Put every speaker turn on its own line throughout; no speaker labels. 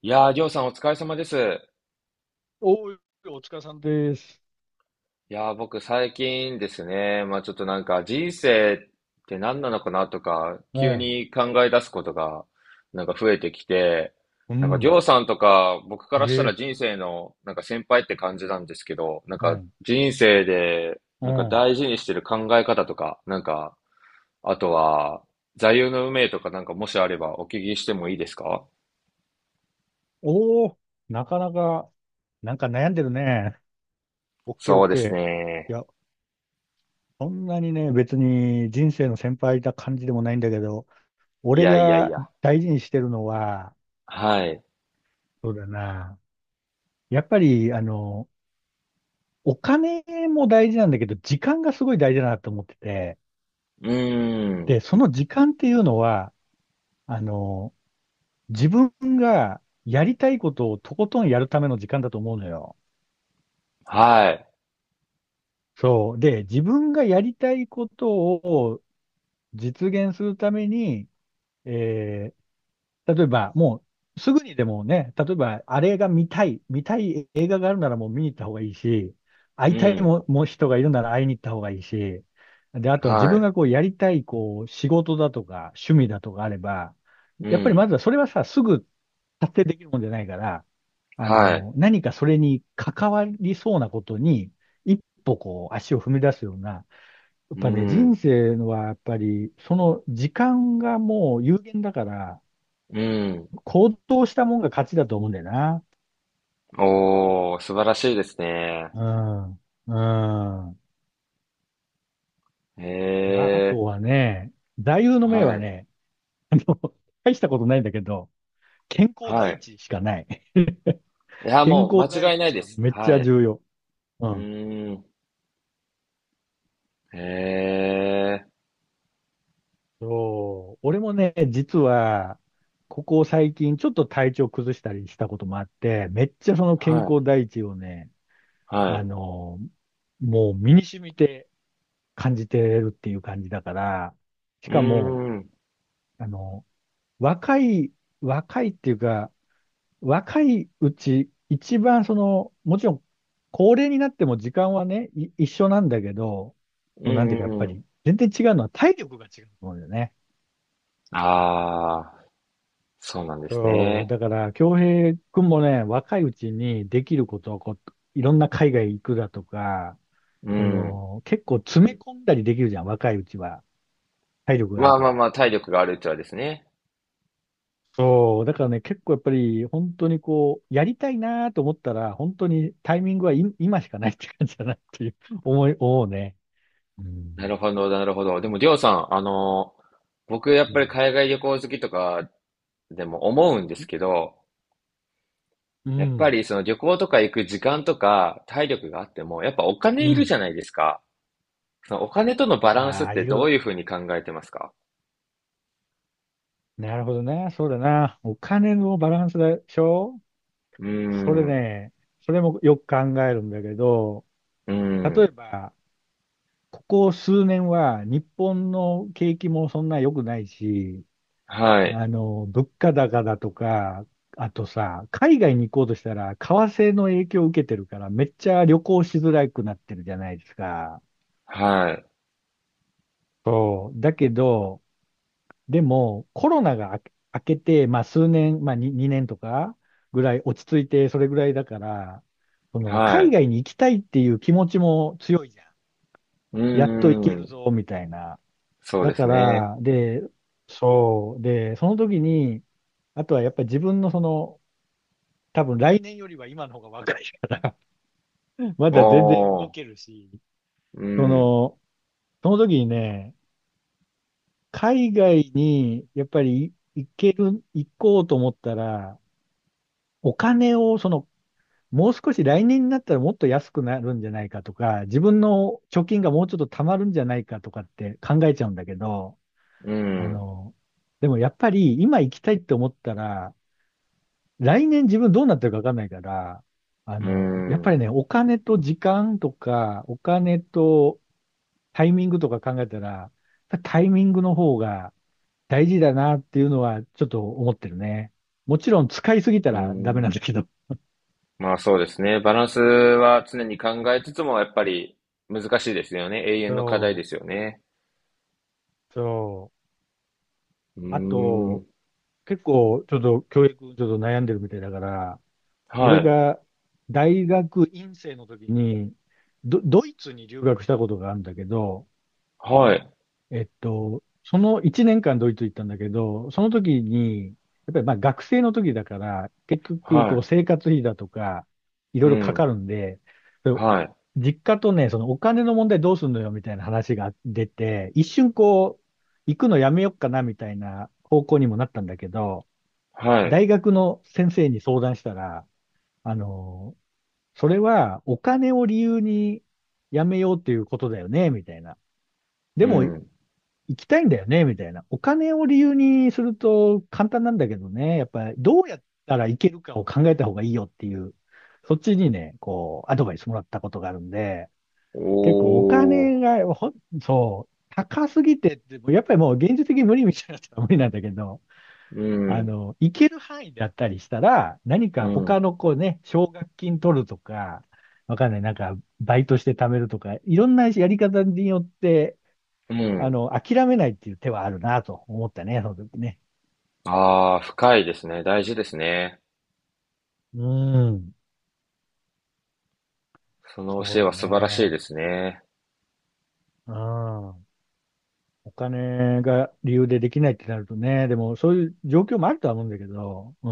いやー、りょうさんお疲れ様です。
おー、お疲れさんです。
いやー、僕最近ですね、まあちょっとなんか人生って何なのかなとか、
う
急
ん、
に考え出すことがなんか増えてきて、
う
なんかりょ
ん、
うさんとか僕か
え
らしたら
え、
人生のなんか先輩って感じなんですけど、なん
う
か
ん、
人生で
う
なんか
ん。
大事にしてる考え方とか、なんか、あとは座右の銘とかなんかもしあればお聞きしてもいいですか？
おー、なかなか、なんか悩んでるね。オッケーオ
そ
ッ
うで
ケ
す
ー。
ね。
や、そんなにね、別に人生の先輩な感じでもないんだけど、
い
俺
やいやい
が
や。
大事にしてるのは、
はい。
そうだな。やっぱり、お金も大事なんだけど、時間がすごい大事だなと思ってて、
うーん。
で、その時間っていうのは、あの、自分がやりたいことをとことんやるための時間だと思うのよ。
はい。
そう。で、自分がやりたいことを実現するために、えー例えば、もう、すぐにでもね、例えば、あれが見たい、映画があるならもう見に行った方がいいし、会
う
いたい
ん。
も、もう人がいるなら会いに行った方がいいし、で、あとは自
は
分
い。
がこうやりたい、こう、仕事だとか、趣味だとかあれば、
う
やっぱりま
ん。
ずはそれはさ、すぐ達成できるもんじゃないから、
はい。
何かそれに関わりそうなことに、一歩こう、足を踏み出すような、やっ
う
ぱね、
ん。
人生のはやっぱり、その時間がもう有限だから、
うん。
行動したもんが勝ちだと思うんだよな。
おお、素晴らしいですね。
うん。うん。
へ
で、あと
え。
はね、座右の銘
は
は
い。
ね、大したことないんだけど、健康
は
第
い。
一しかない。
い や、
健
もう
康第
間違いない
一
で
が
す。
めっち
は
ゃ
い。う
重要。うん。
ーん。へえ。
そう。俺もね、実は、ここ最近ちょっと体調崩したりしたこともあって、めっちゃその
は
健
い。
康第一をね、
は
あ
い。
の、もう身に染みて感じてるっていう感じだから、し
うー
かも、
ん。
あの、若い、若いっていうか、若いうち、一番その、もちろん、高齢になっても時間はね、一緒なんだけど、
う
そのなんてい
ん
うか、
う
やっ
ん
ぱ
うん。
り、全然違うのは体力が違うと思うんだよね。
ああ、そうなんです
そう、
ね。
だから、京平くんもね、若いうちにできることをこう、いろんな海外行くだとか、
う
そ
ん。
の、結構詰め込んだりできるじゃん、若いうちは。体力があ
ま
る
あ
か
まあ
ら。
まあ、体力があるうちはですね。
そう、だからね、結構やっぱり、本当にこう、やりたいなと思ったら、本当にタイミングはい今しかないって感じだなっていう 思うね。う
な
ん。
るほど、なるほど。でも、りょうさん、僕やっぱり海外旅行好きとかでも思うんですけど、
う
やっぱ
ん。
りその旅行とか行く時間とか体力があっても、やっぱお金
う
いるじ
ん。
ゃないですか。そのお金とのバランスっ
ああー、
て
い
どう
る。
いうふうに考えてますか？
なるほどね。そうだな。お金のバランスでしょ。
うー
それ
ん、う
ね、それもよく考えるんだけど、
ー
例え
ん、
ば、ここ数年は日本の景気もそんな良くないし、
はい、
物価高だとか、あとさ、海外に行こうとしたら、為替の影響を受けてるから、めっちゃ旅行しづらくなってるじゃないですか。
はい、
そう。だけど、でも、コロナが明けて、まあ数年、まあ2、年とかぐらい落ち着いて、それぐらいだから、その、
は
海
い、
外に行きたいっていう気持ちも強いじゃん。
うー
やっと行ける
ん、
ぞ、みたいな。
そう
だ
で
か
すね。
ら、で、そう。で、その時に、あとはやっぱり自分のその、多分来年よりは今の方が若いから ま
お
だ全然動
ー、
けるし、
う
そ
ん、
の、その時にね、海外にやっぱり行ける、行こうと思ったら、お金をその、もう少し来年になったらもっと安くなるんじゃないかとか、自分の貯金がもうちょっと貯まるんじゃないかとかって考えちゃうんだけど、
う
あ
ん、
の、でもやっぱり今行きたいって思ったら、来年自分どうなってるかわかんないから、
う
やっぱ
ん、
りね、お金と時間とか、お金とタイミングとか考えたら、タイミングの方が大事だなっていうのはちょっと思ってるね。もちろん使いすぎた
う
らダメ
ん。
なんだけど。
まあそうですね。バランスは常に考えつつも、やっぱり難しいですよね。永遠の課題で
そ
すよね。
そう。
うー
あ
ん、
と、結構、ちょっと教育、ちょっと悩んでるみたいだから、
は
俺
い。
が大学院生の時に、ドイツに留学したことがあるんだけど、
はい、
えっと、その1年間ドイツ行ったんだけど、その時に、やっぱりまあ学生の時だから、結局こ
は
う生活費だとか、い
い、う
ろいろか
ん、
かるんで、そう
はい、
実家とね、そのお金の問題どうすんのよみたいな話が出て、一瞬こう、行くのやめよっかなみたいな方向にもなったんだけど、
はい、
大学の先生に相談したら、あの、それはお金を理由にやめようっていうことだよね、みたいな。で
う
も、
ん。
行きたいんだよね、みたいな。お金を理由にすると簡単なんだけどね、やっぱりどうやったらいけるかを考えた方がいいよっていう、そっちにね、こう、アドバイスもらったことがあるんで、
お
結構お金
ー、
が、そう、高すぎてって、やっぱりもう現実的に無理みたいなやつは無理なんだけど、
うん、
行ける範囲だったりしたら、何
う
か他
ん、
のこうね、奨学金取るとか、わかんない、なんか、バイトして貯めるとか、いろんなやり方によって、
うん。
諦めないっていう手はあるなと思ったね、その時ね。
ああ、深いですね。大事ですね。
うん。
その教
そ
え
う
は
だ
素晴らしい
ね。
ですね。
うん。お金が理由でできないってなるとね、でもそういう状況もあるとは思うんだけど、う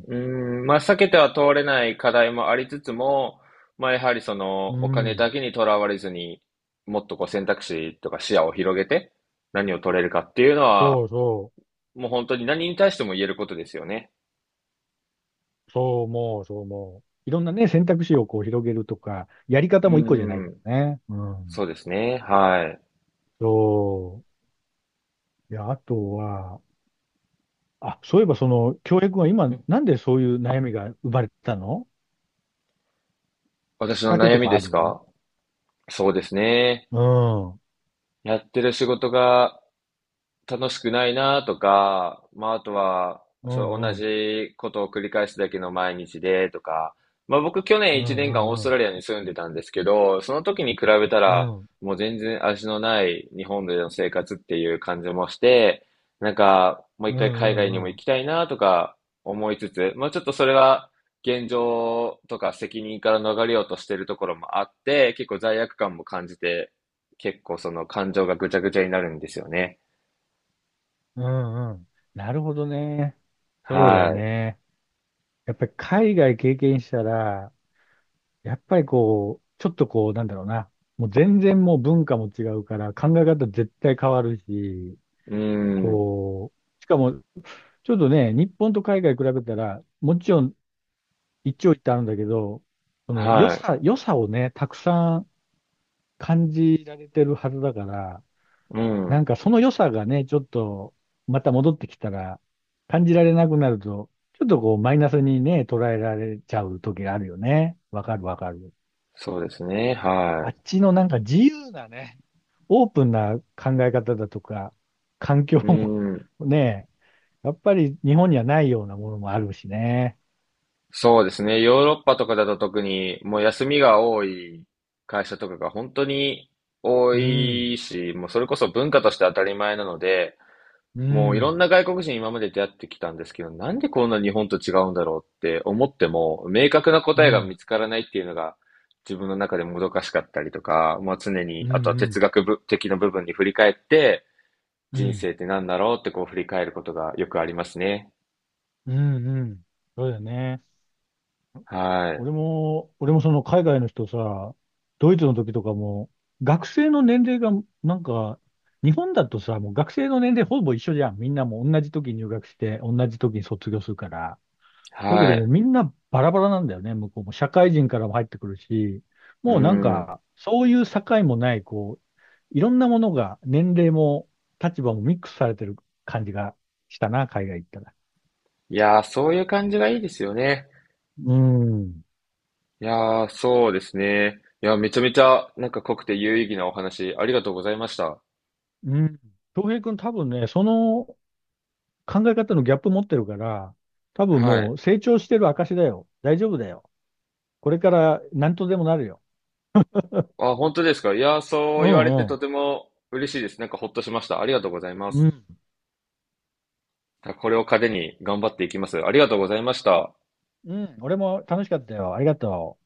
ん。
うーん、まあ、避けては通れない課題もありつつも、まあ、やはりその、
う
お金だ
ん、
けにとらわれずに、もっとこう選択肢とか視野を広げて、何を取れるかっていうの
そ
は、
うそ
もう本当に何に対しても言えることですよね。
う。そう思う。いろんなね、選択肢をこう広げるとか、やり
う
方も一個じゃない
ー
か
ん、
らね。うん。
そうですね、はい。
そういや、あとは、あ、そういえばその、京平は今、なんでそういう悩みが生まれたの？きっ
私の
かけ
悩
と
み
か
で
ある？
すか？そうですね。
うん。
やってる仕事が楽しくないなとか、まあ、あとは、
う
そう、
ん
同
うん。
じことを繰り返すだけの毎日でとか、まあ、僕去
う
年
ん
1年間
う
オー
ん
ス
う
トラ
ん。
リアに住んでたんですけど、その時に比べた
う
ら、
ん
もう全然味のない日本での生活っていう感じもして、なんか、もう
う
一回海
ん
外
う
にも行
ん
きたいなとか思いつつ、まあ、ちょっとそれは現状とか責任から逃れようとしてるところもあって、結構罪悪感も感じて、結構その感情がぐちゃぐちゃになるんですよね。
うん。うん、なるほどね。そうだよ
は
ね。やっぱり海外経験したら、やっぱりこう、ちょっとこう、なんだろうな。もう全然もう文化も違うから、考え方絶対変わるし、
い。うん。
こう、しかも、ちょっとね、日本と海外比べたら、もちろん一長一短あるんだけど、その良
はい。
さ、良さをね、たくさん感じられてるはずだから、
う
なん
ん。
かその良さがね、ちょっとまた戻ってきたら感じられなくなると、ちょっとこうマイナスにね、捉えられちゃう時があるよね。わかるわかる。
そうですね。
あ
は
っちのなんか自由なね、オープンな考え方だとか、環境
い。う
も
ん。
ね、やっぱり日本にはないようなものもあるしね。
そうですね。ヨーロッパとかだと特に、もう休みが多い会社とかが本当に多
うん、
いし、もうそれこそ文化として当たり前なので、
う
もういろん
ん、
な外国人今まで出会ってきたんですけど、なんでこんな日本と違うんだろうって思っても、明確な
う
答えが見
ん、
つからないっていうのが、自分の中でもどかしかったりとか、まあ常
う
に、
ん、う
あとは哲
ん、
学部的な部分に振り返って、
う
人
ん、
生って何だろうってこう振り返ることがよくありますね。
うん、うん。そうだよね。
はい。
俺もその海外の人さ、ドイツの時とかも、学生の年齢が、なんか、日本だとさ、もう学生の年齢ほぼ一緒じゃん。みんなもう同じ時に入学して、同じ時に卒業するから。だけ
は
どもう
い。
みんなバラバラなんだよね。向こうも社会人からも入ってくるし、
う
もうなん
ん。
か、そういう境もない、こう、いろんなものが、年齢も立場もミックスされてる感じがしたな、海外行ったら。
いやー、そういう感じがいいですよね。
うん。
いやー、そうですね。いや、めちゃめちゃなんか濃くて有意義なお話、ありがとうございました。
うん。東平君多分ね、その考え方のギャップ持ってるから、多分
は
も
い。
う成長してる証だよ。大丈夫だよ。これから何とでもなるよ。
あ、本当ですか？いやー、そう
う
言われ
ん
て
う
と
ん。
ても嬉しいです。なんかほっとしました。ありがとうございま
う
す。
ん。
これを糧に頑張っていきます。ありがとうございました。
うん。俺も楽しかったよ。ありがとう。